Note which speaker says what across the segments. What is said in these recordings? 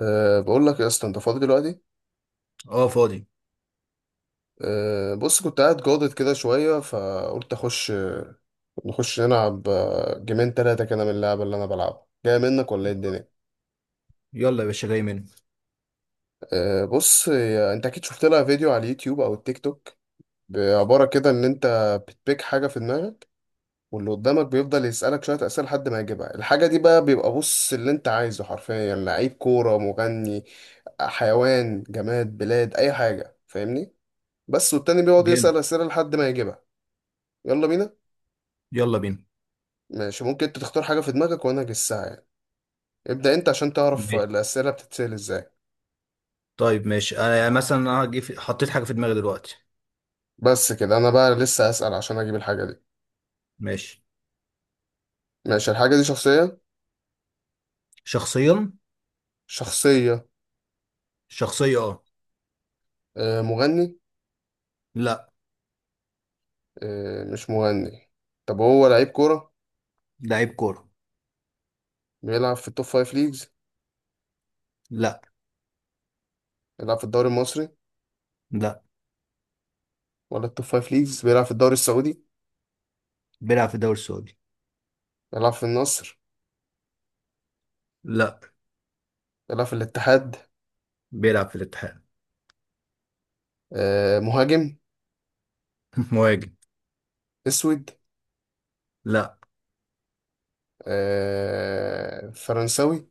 Speaker 1: أه بقول لك يا اسطى انت فاضي دلوقتي؟
Speaker 2: اه، فاضي.
Speaker 1: أه بص كنت قاعد جاضد كده شويه فقلت اخش نخش نلعب. جيمين تلاتة كده من اللعبه اللي انا بلعبها جاي منك ولا ايه الدنيا؟
Speaker 2: يلا يا باشا، جاي منه.
Speaker 1: أه بص انت اكيد شفت لها فيديو على اليوتيوب او التيك توك، بعباره كده ان انت بتبيك حاجه في دماغك، واللي قدامك بيفضل يسالك شويه اسئله لحد ما يجيبها الحاجه دي، بقى بيبقى بص اللي انت عايزه حرفيا، يعني لعيب كوره، مغني، حيوان، جماد، بلاد، اي حاجه، فاهمني؟ بس والتاني بيقعد
Speaker 2: جامد.
Speaker 1: يسال اسئله لحد ما يجيبها. يلا بينا.
Speaker 2: يلا بينا.
Speaker 1: ماشي، ممكن انت تختار حاجة في دماغك وانا اجسها يعني. ابدأ انت عشان تعرف
Speaker 2: ماشي.
Speaker 1: الأسئلة بتتسأل ازاي.
Speaker 2: طيب ماشي، انا يعني مثلا انا هجي في... حطيت حاجه في دماغي دلوقتي.
Speaker 1: بس كده انا بقى لسه أسأل عشان اجيب الحاجة دي.
Speaker 2: ماشي.
Speaker 1: ماشي، الحاجة دي شخصية؟
Speaker 2: شخصيا.
Speaker 1: شخصية.
Speaker 2: شخصيه اه.
Speaker 1: مغني؟
Speaker 2: لا.
Speaker 1: مش مغني؟ طب هو لعيب كورة؟
Speaker 2: لعيب كوره.
Speaker 1: بيلعب في التوب فايف ليجز؟
Speaker 2: لا.
Speaker 1: بيلعب في الدوري المصري؟
Speaker 2: لا.
Speaker 1: ولا التوب فايف ليجز، بيلعب في الدوري السعودي؟
Speaker 2: بيلعب في الدوري السعودي.
Speaker 1: بيلعب في النصر؟
Speaker 2: لا.
Speaker 1: بيلعب في الاتحاد؟
Speaker 2: بيلعب في الاتحاد.
Speaker 1: مهاجم؟
Speaker 2: مهاجم.
Speaker 1: اسود؟
Speaker 2: لا.
Speaker 1: فرنساوي؟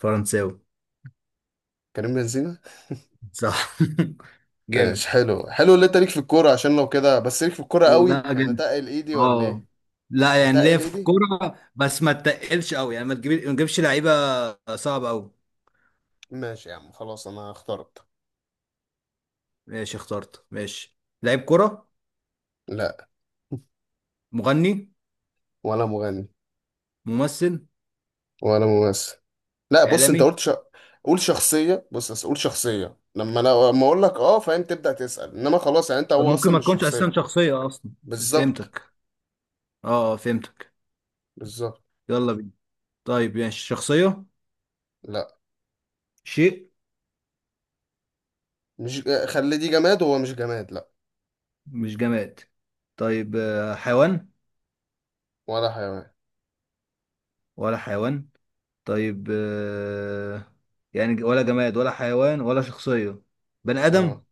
Speaker 2: فرنساوي.
Speaker 1: كريم بنزيما؟
Speaker 2: صح.
Speaker 1: ماشي،
Speaker 2: جامد.
Speaker 1: حلو حلو، اللي انت ليك في الكورة، عشان لو كده، بس ليك في الكورة قوي
Speaker 2: لا
Speaker 1: يعني،
Speaker 2: جامد.
Speaker 1: اتقل ايدي ولا
Speaker 2: اه.
Speaker 1: ايه؟
Speaker 2: لا يعني ليه
Speaker 1: اتقل
Speaker 2: في
Speaker 1: ايدي.
Speaker 2: الكوره بس ما تتقلش قوي، يعني ما تجيبش لعيبه صعبه قوي.
Speaker 1: ماشي يا عم، خلاص انا اخترت.
Speaker 2: ماشي اخترت. ماشي. لعيب كوره.
Speaker 1: لا.
Speaker 2: مغني.
Speaker 1: ولا مغني.
Speaker 2: ممثل.
Speaker 1: ولا ممثل. لا بص، انت
Speaker 2: اعلامي.
Speaker 1: قلت ش... قول شخصية، بص بس قول شخصية، لما انا لما اقول لك اه فاهم تبدأ تسأل، انما خلاص يعني انت،
Speaker 2: طب
Speaker 1: هو
Speaker 2: ممكن
Speaker 1: اصلا
Speaker 2: ما
Speaker 1: مش
Speaker 2: تكونش اساسا
Speaker 1: شخصية.
Speaker 2: شخصيه اصلا.
Speaker 1: بالظبط.
Speaker 2: فهمتك. اه، فهمتك.
Speaker 1: بالظبط.
Speaker 2: يلا بينا. طيب، يعني شخصية.
Speaker 1: لا،
Speaker 2: شيء.
Speaker 1: مش خلي دي جماد، هو مش جماد لا.
Speaker 2: مش جماد. طيب، حيوان.
Speaker 1: ولا حيوان.
Speaker 2: ولا حيوان. طيب، يعني ولا جماد ولا حيوان ولا شخصية. بني آدم.
Speaker 1: اه،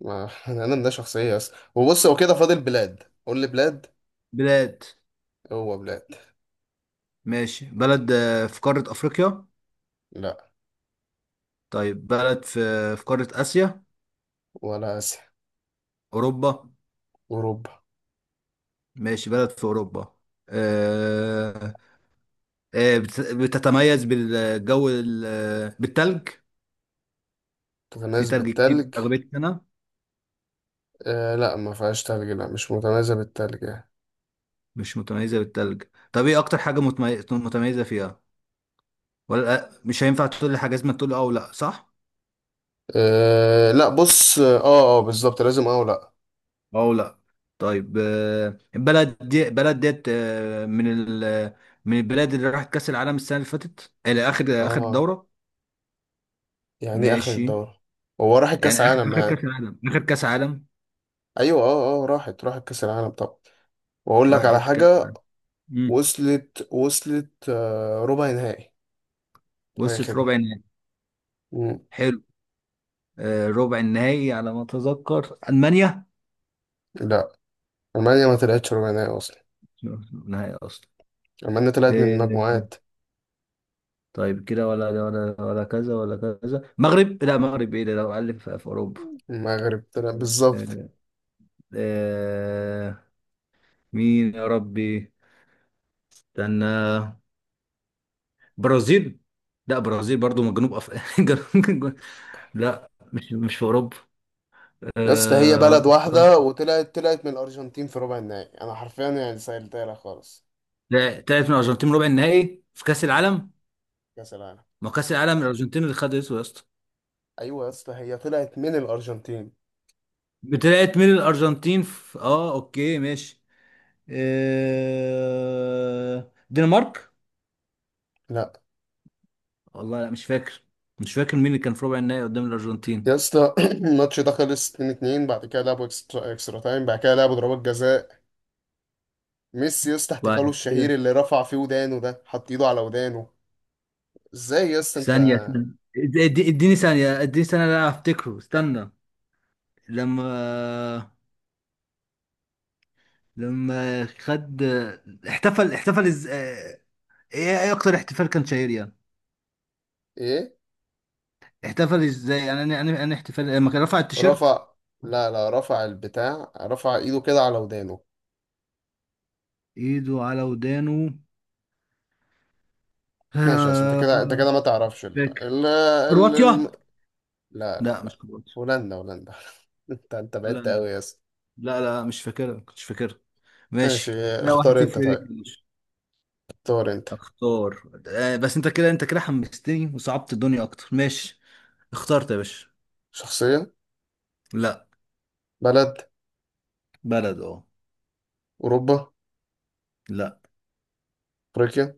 Speaker 1: ما انا ده شخصية اصلا، وبص هو كده فاضل بلاد، قول لي بلاد.
Speaker 2: بلاد.
Speaker 1: هو بلاد.
Speaker 2: ماشي، بلد في قارة أفريقيا؟
Speaker 1: لا،
Speaker 2: طيب، بلد في في قارة آسيا؟
Speaker 1: ولا آسيا.
Speaker 2: أوروبا.
Speaker 1: أوروبا.
Speaker 2: ماشي، بلد في أوروبا. آه، بتتميز بالجو بالتلج. في
Speaker 1: متميز
Speaker 2: تلج كتير
Speaker 1: بالتلج؟
Speaker 2: أغلبية السنة.
Speaker 1: لا ما فيهاش تلج، لا مش متميزة بالتلج يعني.
Speaker 2: مش متميزة بالتلج. طب ايه أكتر حاجة متميزة فيها؟ ولا لأ؟ مش هينفع تقول لي حاجة، لازم تقول أه ولا صح؟
Speaker 1: لا، بص اه. اه بالظبط، لازم اه ولا.
Speaker 2: أه ولا. طيب، البلد دي بلد ديت، من ال، من البلاد اللي راحت كأس العالم السنة اللي فاتت، إلى
Speaker 1: اه،
Speaker 2: آخر آخر دورة.
Speaker 1: يعني اخد
Speaker 2: ماشي.
Speaker 1: الدورة. هو راحت
Speaker 2: يعني
Speaker 1: كأس
Speaker 2: آخر
Speaker 1: عالم
Speaker 2: آخر
Speaker 1: يعني؟
Speaker 2: كأس العالم، آخر كأس عالم.
Speaker 1: ايوه، اه اه، راحت كأس العالم طبعا. واقول لك على
Speaker 2: راحت كأس
Speaker 1: حاجة.
Speaker 2: العالم. مم.
Speaker 1: وصلت آه ربع نهائي. اي
Speaker 2: وصلت
Speaker 1: خدمة.
Speaker 2: ربع النهائي.
Speaker 1: مم.
Speaker 2: حلو. ربع النهائي على ما اتذكر المانيا.
Speaker 1: لا، المانيا ما طلعتش ربع نهائي اصلا،
Speaker 2: نهائي اصلا.
Speaker 1: المانيا طلعت من
Speaker 2: آه،
Speaker 1: المجموعات.
Speaker 2: طيب كده ولا ولا ولا كذا ولا كذا؟ مغرب؟ لا مغرب ايه ده، لو قال في اوروبا.
Speaker 1: المغرب طلع بالظبط.
Speaker 2: آه، آه، مين يا ربي؟ استنى. برازيل. لا برازيل برضو من جنوب افريقيا. لا، مش في اوروبا.
Speaker 1: يا اسطى، هي
Speaker 2: آه،
Speaker 1: بلد
Speaker 2: ولا-
Speaker 1: واحدة، وطلعت من الأرجنتين في ربع النهائي، أنا حرفيا يعني سهلتها لك خالص.
Speaker 2: لا طلعت من الارجنتين ربع النهائي في كاس
Speaker 1: اه،
Speaker 2: العالم.
Speaker 1: كأس العالم.
Speaker 2: ما هو كاس العالم الارجنتين اللي خدته يا اسطى.
Speaker 1: أيوة يا اسطى، هي طلعت من الأرجنتين.
Speaker 2: طلعت من الارجنتين في... اه اوكي ماشي. دنمارك.
Speaker 1: لا.
Speaker 2: والله لا، مش فاكر. مش فاكر مين اللي كان في ربع النهائي قدام الارجنتين.
Speaker 1: يا اسطى الماتش ده خلص 2-2، بعد كده لعبوا اكسترا تايم، بعد كده لعبوا ضربات جزاء. ميسي يا اسطى، احتفاله
Speaker 2: وبعد كده؟
Speaker 1: الشهير اللي رفع فيه ودانه، ده حط ايده على ودانه. ازاي يا اسطى انت؟
Speaker 2: ثانية. اديني ثانيه، اديني ثانيه، لا افتكره استنى. لما، لما خد، احتفل احتفل از... اه، ايه، ايه اكتر احتفال كان شهير يعني؟
Speaker 1: ايه؟
Speaker 2: احتفل ازاي يعني؟ انا احتفال لما كان رفع التيشيرت.
Speaker 1: رفع. لا لا، رفع البتاع، رفع ايده كده على ودانه.
Speaker 2: ايده على ودانه.
Speaker 1: ماشي يا اسطى، انت
Speaker 2: آه،
Speaker 1: كده انت كده ما تعرفش
Speaker 2: مش فاكر.
Speaker 1: ال...
Speaker 2: كرواتيا.
Speaker 1: لا لا
Speaker 2: لا مش
Speaker 1: لا،
Speaker 2: كرواتيا.
Speaker 1: هولندا هولندا. انت انت بعدت
Speaker 2: هولندا.
Speaker 1: قوي يا اسطى.
Speaker 2: لا لا، مش فاكرها، كنتش فاكرها.
Speaker 1: ماشي.
Speaker 2: ماشي، لا واحد
Speaker 1: اختار انت
Speaker 2: صفر ليك
Speaker 1: طيب.
Speaker 2: يا باشا.
Speaker 1: اختار انت.
Speaker 2: اختار. آه بس انت كده، انت كده حمستني وصعبت الدنيا اكتر. ماشي اخترت يا باشا.
Speaker 1: شخصية؟
Speaker 2: لا.
Speaker 1: بلد؟
Speaker 2: بلد اه.
Speaker 1: أوروبا؟
Speaker 2: لا.
Speaker 1: أفريقيا؟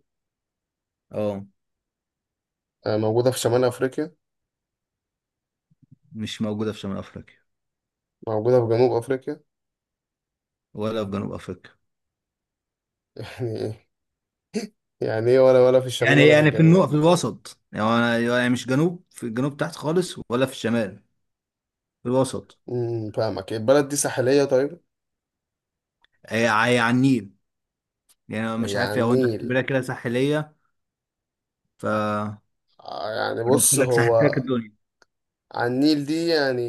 Speaker 2: اه.
Speaker 1: موجودة في شمال أفريقيا؟
Speaker 2: مش موجودة في شمال افريقيا.
Speaker 1: موجودة في جنوب أفريقيا؟
Speaker 2: ولا في جنوب افريقيا.
Speaker 1: يعني ايه؟ يعني ايه، ولا في الشمال
Speaker 2: يعني
Speaker 1: ولا في
Speaker 2: في
Speaker 1: الجنوب؟
Speaker 2: النقط، في الوسط يعني، يعني مش جنوب في الجنوب تحت خالص ولا في الشمال. في الوسط.
Speaker 1: فاهمك، البلد دي ساحلية طيب؟
Speaker 2: هي على النيل. يعني أنا مش
Speaker 1: يعني على
Speaker 2: عارف هو انت
Speaker 1: النيل؟
Speaker 2: هتعتبرها كده ساحلية. ف،
Speaker 1: يعني
Speaker 2: قلت
Speaker 1: بص،
Speaker 2: لك
Speaker 1: هو
Speaker 2: ساحلتك الدنيا.
Speaker 1: على النيل دي يعني.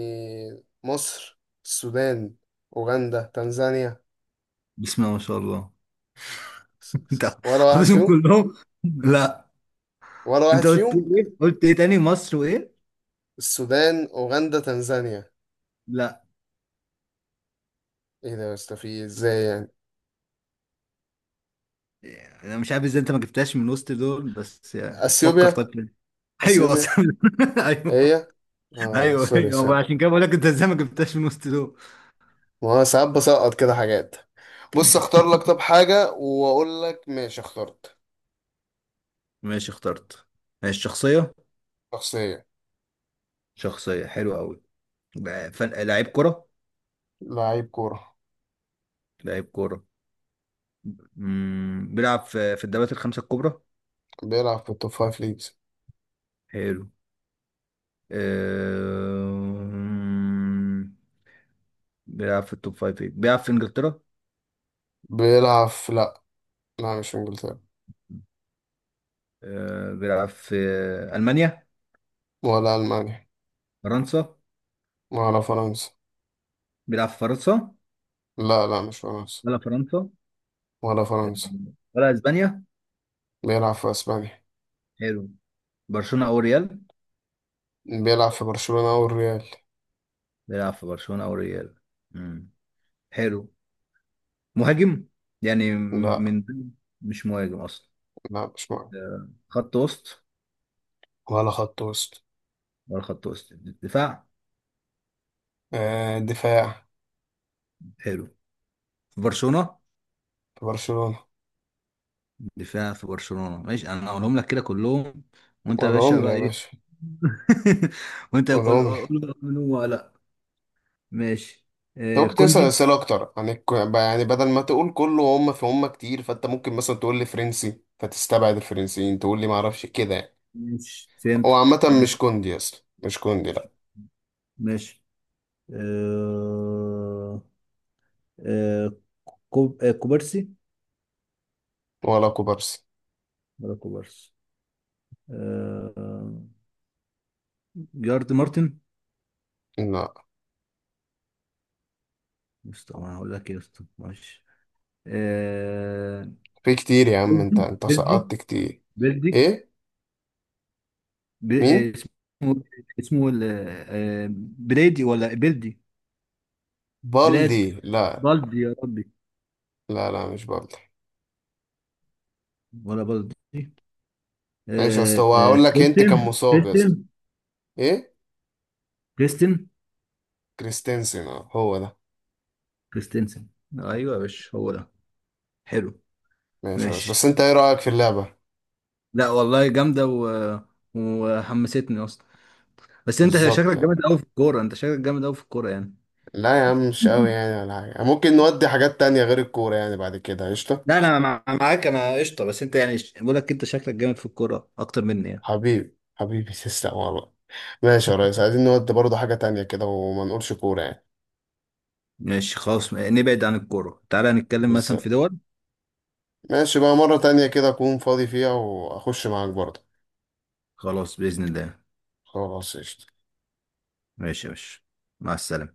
Speaker 1: مصر؟ السودان؟ أوغندا؟ تنزانيا؟
Speaker 2: بسم الله ما شاء الله،
Speaker 1: س- س-
Speaker 2: انت
Speaker 1: ولا واحد
Speaker 2: حافظهم
Speaker 1: فيهم؟
Speaker 2: كلهم. لا.
Speaker 1: ولا واحد
Speaker 2: انت قلت
Speaker 1: فيهم.
Speaker 2: ايه؟ قلت ايه تاني؟ مصر وايه؟
Speaker 1: السودان، أوغندا، تنزانيا.
Speaker 2: لا.
Speaker 1: ايه ده يا اسطى، في إيه؟ ازاي يعني؟
Speaker 2: انا مش عارف ازاي انت ما جبتهاش من وسط دول، بس يعني فكر
Speaker 1: اثيوبيا.
Speaker 2: طيب كده. ايوه
Speaker 1: اثيوبيا.
Speaker 2: اصلا ايوه
Speaker 1: إيه هي؟ اه،
Speaker 2: ايوه
Speaker 1: سوري
Speaker 2: ايوه،
Speaker 1: سوري.
Speaker 2: عشان كده بقول لك انت ازاي ما جبتهاش من وسط دول.
Speaker 1: ما هو ساعات بسقط كده حاجات. بص اختار لك طب حاجة واقول لك ماشي اخترت.
Speaker 2: ماشي اخترت. ماشي شخصيه.
Speaker 1: شخصية.
Speaker 2: شخصيه حلوه قوي. لعيب كره.
Speaker 1: لعيب كورة.
Speaker 2: لعيب كره. مم، بيلعب في الدوريات الخمسه الكبرى.
Speaker 1: بيلعب في التوب فايف ليجز.
Speaker 2: حلو. أه... بيلعب في التوب فايف، بيلعب في انجلترا.
Speaker 1: بيلعب في؟ لا، لا مش في انجلترا.
Speaker 2: بيلعب في ألمانيا.
Speaker 1: ولا المانيا.
Speaker 2: فرنسا.
Speaker 1: ولا فرنسا.
Speaker 2: بيلعب في فرنسا.
Speaker 1: لا لا مش فرنسا.
Speaker 2: ولا فرنسا.
Speaker 1: ولا
Speaker 2: آه،
Speaker 1: فرنسا.
Speaker 2: ولا اسبانيا.
Speaker 1: بيلعب في اسبانيا.
Speaker 2: حلو. برشلونة او ريال.
Speaker 1: بيلعب في برشلونة او الريال.
Speaker 2: بيلعب في برشلونة او ريال. مم. حلو. مهاجم. يعني م-
Speaker 1: لا
Speaker 2: من مش مهاجم اصلا.
Speaker 1: لا مش معاه.
Speaker 2: خط وسط.
Speaker 1: ولا خط وسط.
Speaker 2: ولا خط وسط. دفاع.
Speaker 1: آه دفاع
Speaker 2: حلو. في برشلونة.
Speaker 1: في برشلونة.
Speaker 2: دفاع في برشلونة. ماشي، انا هقولهم لك كده كلهم، وانت يا باشا
Speaker 1: قولهم لي
Speaker 2: بقى
Speaker 1: يا
Speaker 2: ايه.
Speaker 1: باشا.
Speaker 2: وانت قول
Speaker 1: قولهم لي.
Speaker 2: قول قول قول ولا لا. ماشي.
Speaker 1: انت ممكن تسأل
Speaker 2: كوندي.
Speaker 1: أسئلة أكتر عن الك... يعني بدل ما تقول كله، هم في هم كتير، فأنت ممكن مثلا تقول لي فرنسي فتستبعد الفرنسيين، تقول لي معرفش كده يعني.
Speaker 2: ماشي
Speaker 1: هو عامة
Speaker 2: فهمتك. ماشي.
Speaker 1: مش كوندي أصلا، مش كوندي لأ.
Speaker 2: ماشي. آه... آه... كوبارسي.
Speaker 1: ولا كوبارسي.
Speaker 2: ولا كوبارسي. آه... جارد مارتن.
Speaker 1: لا،
Speaker 2: بس طبعا هقول لك ايه يا اسطى، ماشي. آه...
Speaker 1: في كتير يا عم، أنت
Speaker 2: بيلدي،
Speaker 1: أنت
Speaker 2: بيلدي
Speaker 1: سقطت كتير.
Speaker 2: بيلدي
Speaker 1: إيه؟ مين؟
Speaker 2: اسمه، اسمه ال... آه... بريدي ولا بيلدي. بلاد.
Speaker 1: بالدي لا.
Speaker 2: بالدي يا ربي.
Speaker 1: لا لا مش بالدي.
Speaker 2: ولا بالدي.
Speaker 1: ماشي يا اسطى،
Speaker 2: آه...
Speaker 1: هو
Speaker 2: آه...
Speaker 1: هقول لك أنت، كان
Speaker 2: كريستين
Speaker 1: مصاب يا اسطى.
Speaker 2: كريستين
Speaker 1: إيه؟
Speaker 2: كريستين.
Speaker 1: كريستنسن اه هو ده.
Speaker 2: كريستنسن. ايوه يا باشا هو ده. حلو.
Speaker 1: ماشي، بس بس
Speaker 2: ماشي.
Speaker 1: أنت إيه رأيك في اللعبة؟
Speaker 2: لا والله جامده، وحمستني اصلا. بس انت
Speaker 1: بالظبط
Speaker 2: شكلك جامد
Speaker 1: يعني.
Speaker 2: قوي في الكوره، يعني.
Speaker 1: لا يا عم، مش قوي يعني ولا حاجة، ممكن نودي حاجات تانية غير الكورة يعني، بعد كده قشطة.
Speaker 2: لا انا معاك، انا قشطه، بس انت يعني بقول لك انت شكلك جامد في الكوره اكتر مني يعني.
Speaker 1: حبيبي حبيبي تسلم والله. ماشي يا ريس، عايزين نودي برضه حاجة تانية كده وما نقولش كورة يعني.
Speaker 2: ماشي خلاص، نبعد عن الكوره، تعالى نتكلم مثلا في
Speaker 1: بالظبط.
Speaker 2: دول.
Speaker 1: ماشي، بقى مرة تانية كده أكون فاضي فيها وأخش معاك برضه.
Speaker 2: خلاص باذن الله.
Speaker 1: خلاص قشطة.
Speaker 2: ماشي يا باشا، مع السلامه.